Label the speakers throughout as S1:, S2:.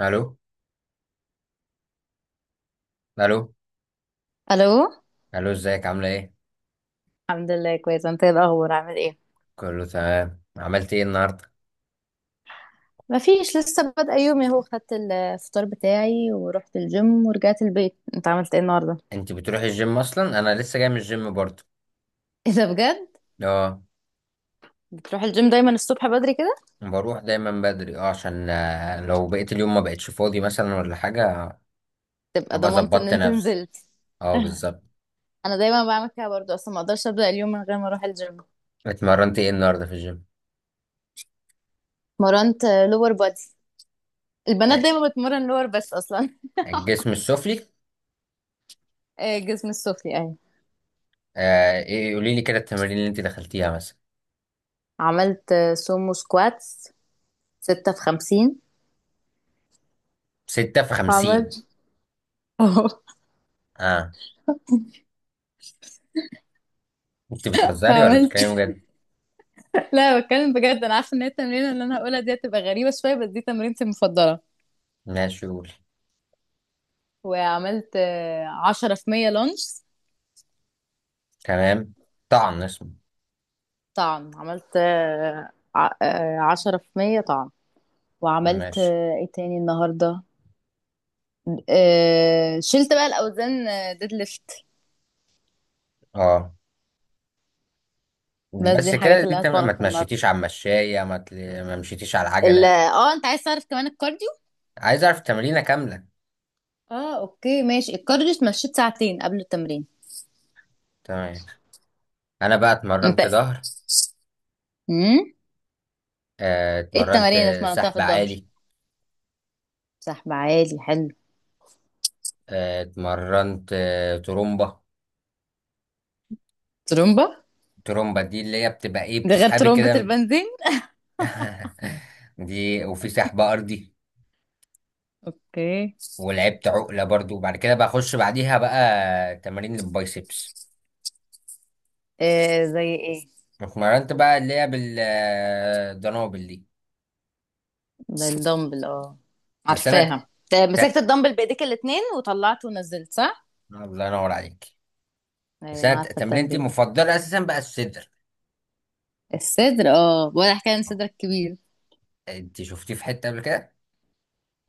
S1: الو. الو.
S2: الو.
S1: الو. ازيك؟ عامله ايه؟
S2: الحمد لله، كويسه. انت إيه الاخبار؟ عامل ايه؟
S1: كله تمام. عملت ايه النهارده؟
S2: مفيش، لسه بادئه يومي اهو. خدت الفطار بتاعي ورحت الجيم ورجعت البيت. انت عملت ايه النهارده؟
S1: انت بتروحي الجيم اصلا؟ انا لسه جاي من الجيم برضه.
S2: ايه ده بجد؟
S1: اه،
S2: بتروح الجيم دايما الصبح بدري كده؟
S1: بروح دايما بدري. اه عشان لو بقيت اليوم ما بقتش فاضي مثلا ولا حاجه.
S2: تبقى
S1: ابقى
S2: ضمنت ان
S1: ظبطت
S2: انت
S1: نفسي.
S2: نزلت.
S1: اه، بالظبط.
S2: انا دايما بعمل كده برضو، اصلا ما اقدرش ابدا اليوم من غير ما اروح الجيم.
S1: اتمرنت ايه النهارده في الجيم؟
S2: مرنت. لور بادي. البنات
S1: آه،
S2: دايما بتمرن لور بس اصلا
S1: الجسم السفلي.
S2: جسم السفلي يعني.
S1: آه، ايه؟ قولي لي كده التمارين اللي انت دخلتيها مثلا.
S2: عملت سومو سكواتس، ستة في خمسين.
S1: 6 في 50؟
S2: عملت اه.
S1: اه، انت بتهزري ولا بتتكلمي
S2: عملت.
S1: بجد؟
S2: لا، بتكلم بجد. انا عارفه ان هي التمرينه اللي انا هقولها دي هتبقى غريبه شويه بس دي تمرينتي المفضله.
S1: ماشي، قولي.
S2: وعملت عشرة في مية لانش.
S1: تمام. طعن اسمه؟
S2: طعن. عملت عشرة في مية طعن. وعملت
S1: ماشي.
S2: ايه تاني النهارده؟ شلت بقى الاوزان، ديد ليفت.
S1: اه،
S2: بس دي
S1: بس كده.
S2: الحاجات
S1: دي
S2: اللي
S1: التمرين ما
S2: هتفرق النهارده.
S1: تمشيتيش على المشاية ما مشيتيش على العجلة؟
S2: اه، انت عايز تعرف كمان الكارديو؟
S1: عايز اعرف التمرينة كاملة.
S2: اه اوكي ماشي. الكارديو اتمشيت ساعتين قبل التمرين.
S1: تمام. انا بقى
S2: انت؟
S1: اتمرنت ظهر.
S2: امم ايه
S1: اتمرنت
S2: التمارين اللي اتمرنتها في
S1: سحب
S2: الظهر؟
S1: عالي.
S2: سحب عالي، حلو.
S1: اتمرنت ترومبة.
S2: ترومبا.
S1: ترومبة دي اللي هي بتبقى ايه؟
S2: ده غير
S1: بتسحبي
S2: ترمبة
S1: كده
S2: البنزين.
S1: دي. وفي سحب ارضي.
S2: اوكي.
S1: ولعبت عقلة برضو، وبعد كده بقى اخش بعديها بقى تمارين للبايسبس.
S2: آه، زي ايه؟
S1: اتمرنت بقى اللي هي بالدنابل دي.
S2: ده الدمبل اه.
S1: بس انا ت...
S2: عارفاها، ده مسكت الدمبل بايديك الاتنين وطلعته ونزلت صح؟
S1: الله ينور عليك. بس
S2: ايوه،
S1: انا
S2: انا عارفه
S1: تمرينتي
S2: التمرين ده.
S1: المفضله اساسا بقى الصدر.
S2: الصدر اه، ولا حكايه عن
S1: آه.
S2: صدرك كبير.
S1: انت شفتيه في حته قبل كده؟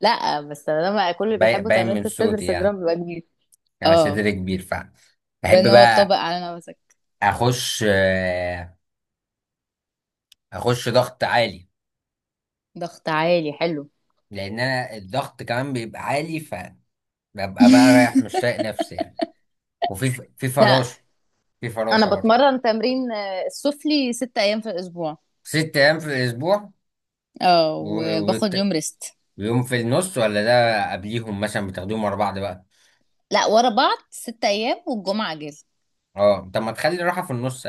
S2: لا، بس لما كل اللي بيحبوا
S1: باين
S2: تمرينة
S1: من
S2: الصدر
S1: صوتي يعني.
S2: صدرهم بيبقى كبير.
S1: انا
S2: اه
S1: صدري كبير، ف بحب
S2: بان، هو
S1: بقى.
S2: طبق على نفسك.
S1: اخش اخش ضغط عالي.
S2: ضغط عالي، حلو.
S1: لان انا الضغط كمان بيبقى عالي، فببقى بقى رايح مش طايق نفسي يعني. وفي في
S2: لا،
S1: فراشه. في فراشه
S2: انا
S1: برضه.
S2: بتمرن تمرين السفلي 6 ايام في الاسبوع.
S1: 6 ايام في الاسبوع؟
S2: اه،
S1: و-
S2: وباخد
S1: وت-
S2: يوم ريست.
S1: ويوم في النص ولا ده؟ قبليهم مثلا بتاخدوهم ورا بعض بقى؟
S2: لا، ورا بعض 6 ايام والجمعه اجازه.
S1: اه، طب ما تخلي راحه في النص.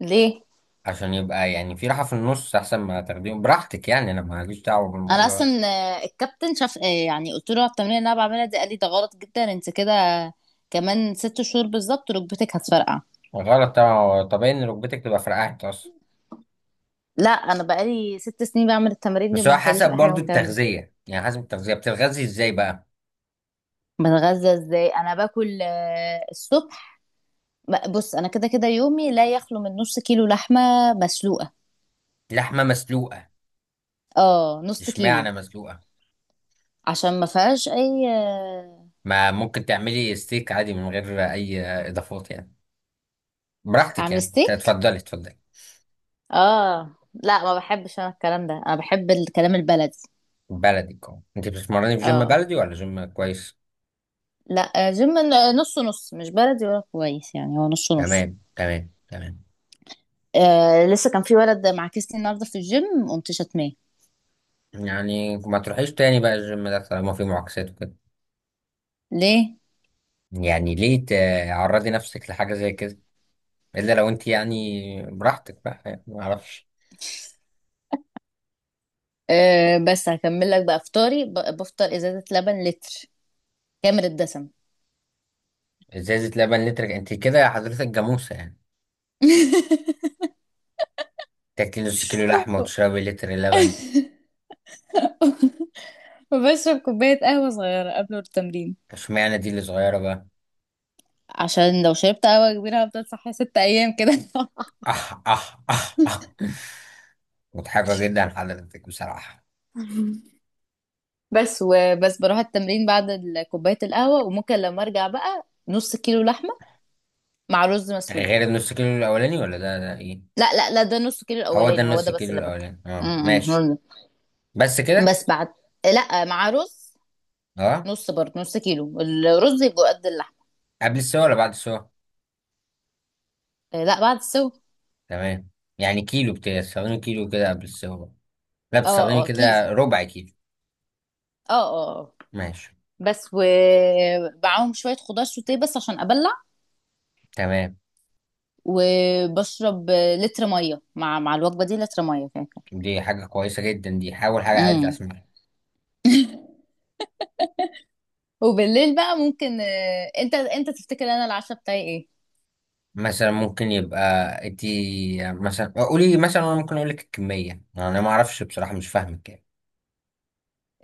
S2: ليه؟
S1: عشان يبقى يعني في راحة في النص أحسن. ما تاخديهم براحتك يعني، أنا ماليش دعوة
S2: انا
S1: بالموضوع
S2: اصلا
S1: ده.
S2: الكابتن شاف، يعني قلت له على التمرين اللي انا بعملها دي، قال لي ده غلط جدا، انت كده كمان 6 شهور بالظبط ركبتك هتفرقع.
S1: غلط طبعا. هو طبيعي إن ركبتك تبقى فرقعت أصلا.
S2: لا، انا بقالي 6 سنين بعمل التمارين دي
S1: بس هو
S2: وما حصليش
S1: حسب
S2: اي حاجه من
S1: برضو
S2: الكلام ده.
S1: التغذية. يعني حسب التغذية بتتغذي إزاي بقى؟
S2: بتغذى ازاي؟ انا باكل الصبح. بص، انا كده كده يومي لا يخلو من نص كيلو لحمه مسلوقه.
S1: لحمة مسلوقة؟
S2: اه، نص كيلو.
S1: إشمعنى مسلوقة؟
S2: عشان ما فيهاش اي.
S1: ما ممكن تعملي ستيك عادي من غير أي إضافات يعني. براحتك
S2: اعمل
S1: يعني،
S2: ستيك؟
S1: اتفضلي اتفضلي.
S2: اه لا، ما بحبش انا الكلام ده، انا بحب الكلام البلدي.
S1: بلدي أنت بتتمرني في جيم
S2: اه
S1: بلدي ولا جيم كويس؟
S2: لا، جيم. نص نص، مش بلدي ولا كويس، يعني هو نص نص.
S1: تمام، تمام، تمام.
S2: آه، لسه كان في ولد معاكسني النهارده في الجيم قمت شتماه.
S1: يعني ما تروحيش تاني بقى الجيم ده طالما فيه معاكسات وكده.
S2: ليه؟
S1: يعني ليه تعرضي نفسك لحاجة زي كده؟ إلا لو أنت يعني براحتك بقى، يعني ما أعرفش.
S2: آه، بس هكمل لك بقى فطاري. بفطر ازازه لبن لتر كامل الدسم.
S1: إزازة لبن لتر؟ أنت كده يا حضرتك جاموسة يعني. تاكلي نص كيلو لحمة وتشربي لتر لبن؟
S2: وبشرب كوبايه قهوه صغيره قبل التمرين.
S1: اشمعنى دي اللي صغيرة بقى؟
S2: عشان لو شربت قهوه كبيره هفضل صاحيه 6 ايام كده.
S1: أح أح أح أح. مضحكة جدا حضرتك بصراحة.
S2: بس بروح التمرين بعد كوبايه القهوه. وممكن لما ارجع بقى نص كيلو لحمه مع رز مسلوق.
S1: غير النص كيلو الأولاني ولا ده إيه؟
S2: لا لا لا، ده نص كيلو
S1: هو ده
S2: الاولاني هو
S1: النص
S2: ده بس
S1: كيلو
S2: اللي باكله.
S1: الأولاني. أه،
S2: هو
S1: ماشي.
S2: ده.
S1: بس كده.
S2: بس بعد. لا، مع رز.
S1: أه.
S2: نص برضه، نص كيلو الرز يبقى قد اللحم.
S1: قبل السوا ولا بعد السوا؟
S2: لا، بعد السو.
S1: تمام. يعني كيلو؟ بتستخدمي كيلو كده قبل السوا؟ لا، بتستخدمي
S2: اه اه، كيس.
S1: كده ربع كيلو؟
S2: اه اه آه.
S1: ماشي.
S2: بس، ومعاهم شويه خضار سوتيه بس عشان ابلع.
S1: تمام.
S2: وبشرب لتر ميه مع الوجبه دي، لتر ميه كده.
S1: دي حاجة كويسة جدا. دي حاول حاجة عدل
S2: امم
S1: أسمعها.
S2: وبالليل بقى ممكن انت تفتكر انا العشاء بتاعي ايه؟
S1: مثلا ممكن يبقى ادي مثلا. قولي مثلا. أنا ممكن أقولك الكمية. أنا ما أعرفش بصراحة، مش فاهمك يعني.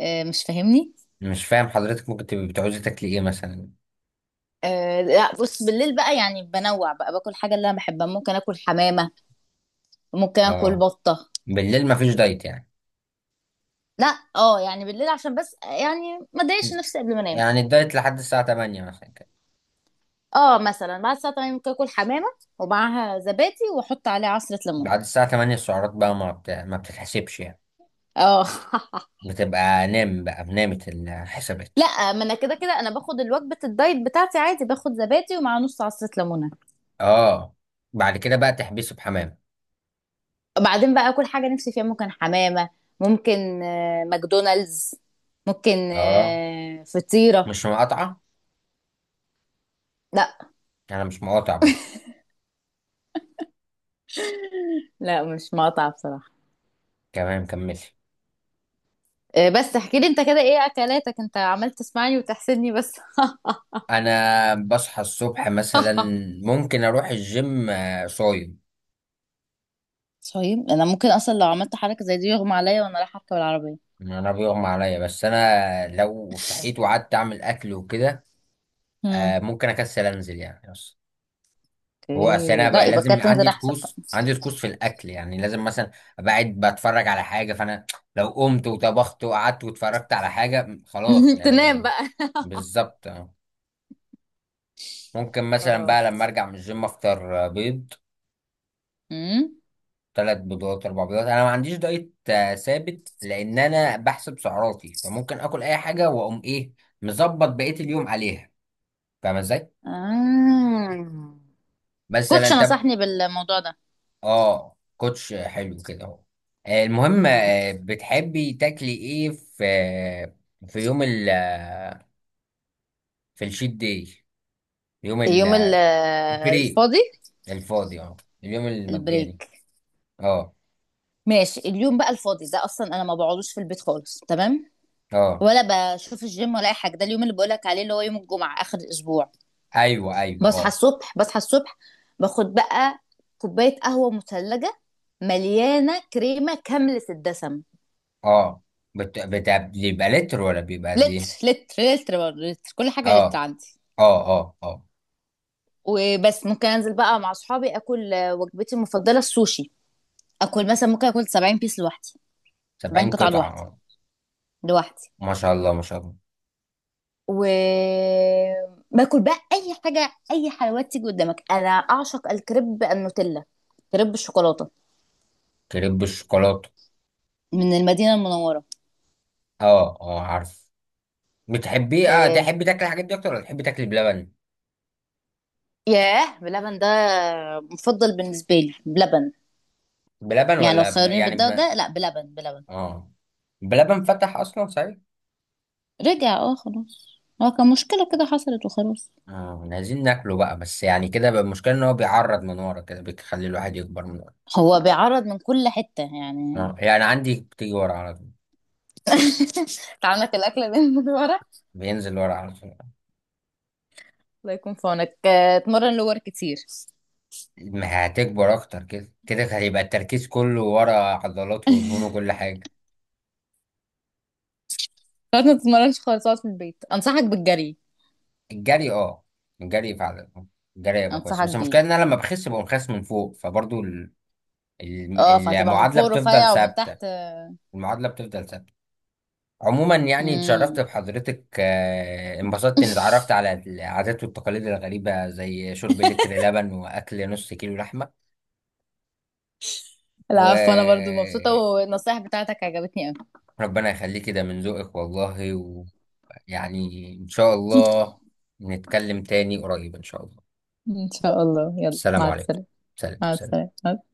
S2: مش فاهمني.
S1: مش فاهم حضرتك. ممكن تبقي بتعوزي تاكلي إيه مثلا؟
S2: آه لا، بص بالليل بقى يعني بنوع بقى باكل حاجه اللي انا بحبها، ممكن اكل حمامه، ممكن اكل
S1: أه.
S2: بطه.
S1: بالليل مفيش دايت يعني؟
S2: لا اه، يعني بالليل عشان بس يعني ما اضايقش نفسي قبل ما انام.
S1: يعني الدايت لحد الساعة 8 مثلا كده؟
S2: اه، مثلا بعد الساعه 8 ممكن اكل حمامه ومعاها زبادي واحط عليها عصره ليمون.
S1: بعد الساعة 8 السعرات بقى ما بتتحسبش يعني؟
S2: اه
S1: بتبقى نام بقى، بنامت الحسابات.
S2: لا، ما انا كده كده انا باخد الوجبه الدايت بتاعتي عادي، باخد زبادي ومع نص عصره ليمونه.
S1: أه. بعد كده بقى تحبسي بحمام.
S2: وبعدين بقى اكل حاجه نفسي فيها، ممكن حمامه، ممكن ماكدونالدز، ممكن
S1: أه،
S2: فطيره.
S1: مش مقاطعة.
S2: لا.
S1: أنا مش مقاطع برضه.
S2: لا، مش مقاطعه بصراحه.
S1: تمام، كملي.
S2: بس احكي لي انت كده، ايه اكلاتك؟ انت عمال تسمعني وتحسدني بس.
S1: انا بصحى الصبح مثلا. ممكن اروح الجيم صايم.
S2: طيب انا ممكن اصلا لو عملت حركه زي دي يغمى عليا وانا رايحه اركب العربيه.
S1: انا بيغمى عليا، بس انا لو صحيت وقعدت اعمل اكل وكده
S2: مم.
S1: ممكن اكسل انزل يعني، بس. هو اصل
S2: اوكي،
S1: انا
S2: لا
S1: بقى
S2: يبقى
S1: لازم
S2: كده
S1: عندي
S2: تنزل احسن بقى.
S1: طقوس، عندي طقوس في الاكل، يعني لازم مثلا ابقى قاعد بتفرج على حاجه، فانا لو قمت وطبخت وقعدت واتفرجت على حاجه خلاص
S2: تنام
S1: يعني.
S2: بقى.
S1: بالظبط. آه. ممكن مثلا
S2: اه.
S1: بقى لما ارجع من الجيم افطر بيض.
S2: امم.
S1: 3 بيضات، 4 بيضات. انا ما عنديش دايت ثابت، لان انا بحسب سعراتي، فممكن اكل اي حاجه واقوم ايه مظبط بقيه اليوم عليها. فاهم ازاي؟
S2: آه.
S1: مثلا،
S2: كوتش
S1: طب.
S2: نصحني بالموضوع ده.
S1: اه، كوتش حلو كده اهو. المهم،
S2: مم.
S1: بتحبي تاكلي ايه في في يوم ال في الشيت داي. يوم ال-
S2: اليوم
S1: آه، البري.
S2: الفاضي.
S1: الفاضي. اه. اليوم
S2: البريك.
S1: المجاني. اه،
S2: ماشي، اليوم بقى الفاضي ده اصلا انا ما بقعدوش في البيت خالص، تمام.
S1: اه.
S2: ولا بشوف الجيم ولا اي حاجه، ده اليوم اللي بقولك عليه اللي هو يوم الجمعه اخر الاسبوع.
S1: ايوه، ايوه،
S2: بصحى
S1: اه.
S2: الصبح بصحى الصبح باخد بقى كوباية قهوة مثلجة مليانة كريمة كاملة الدسم.
S1: اه، بيبقى لتر ولا بيبقى قد ايه؟
S2: لتر لتر لتر برضه، لتر كل حاجة
S1: اه،
S2: لتر عندي.
S1: اه، اه، اه.
S2: وبس، ممكن انزل بقى مع اصحابي اكل وجبتي المفضلة السوشي. اكل مثلا، ممكن اكل 70 بيس لوحدي. 70
S1: 70
S2: قطعة
S1: قطعة؟
S2: لوحدي
S1: اه.
S2: لوحدي.
S1: ما شاء الله، ما شاء الله.
S2: و باكل بقى اي حاجة، اي حلويات تيجي قدامك. انا اعشق الكريب النوتيلا، كريب الشوكولاتة،
S1: كريب بالشوكولاتة.
S2: من المدينة المنورة.
S1: اه، اه، عارف. بتحبيه؟ اه،
S2: آه،
S1: تحبي تاكلي الحاجات دي اكتر ولا تحبي تاكلي بلبن؟
S2: ياه، بلبن ده مفضل بالنسبة لي. بلبن،
S1: بلبن
S2: يعني لو
S1: ولا
S2: خيروني
S1: يعني
S2: بالده وده، لا بلبن بلبن.
S1: اه. بلبن فتح اصلا، صحيح.
S2: رجع اه، خلاص هو كان مشكلة كده حصلت وخلاص.
S1: اه. إحنا عايزين ناكله بقى، بس يعني كده بقى المشكلة ان هو بيعرض من ورا كده بيخلي الواحد يكبر من ورا.
S2: هو بيعرض من كل حتة يعني.
S1: اه، يعني عندي بتيجي ورا على طول.
S2: تعملك الأكلة دي من ورا.
S1: بينزل ورا على طول.
S2: الله يكون في عونك. اتمرن لور كتير.
S1: ما هتكبر اكتر. كده كده هيبقى التركيز كله ورا، عضلات ودهون وكل حاجة.
S2: خلاص، ما تتمرنش خالص، اقعد في البيت، أنصحك بالجري.
S1: الجري، اه. الجري فعلا. الجري يبقى كويس،
S2: أنصحك
S1: بس
S2: بيه.
S1: المشكله ان انا لما بخس بقوم خس من فوق، فبرضو ال-
S2: اه، فهتبقى من
S1: المعادله
S2: فوق
S1: بتفضل
S2: رفيع ومن
S1: ثابته.
S2: تحت.
S1: المعادله بتفضل ثابته. عموما يعني اتشرفت
S2: مم.
S1: بحضرتك، انبسطت اني اتعرفت على العادات والتقاليد الغريبه زي شرب لتر لبن واكل نص كيلو لحمه.
S2: العفو، أنا برضو مبسوطة
S1: وربنا
S2: والنصايح بتاعتك عجبتني أوي.
S1: يخليك، كده من ذوقك والله. ويعني ان شاء الله نتكلم تاني قريب ان شاء الله.
S2: إن شاء الله. يلا،
S1: السلام
S2: مع
S1: عليكم.
S2: السلامة.
S1: سلام،
S2: مع
S1: سلام.
S2: السلامة.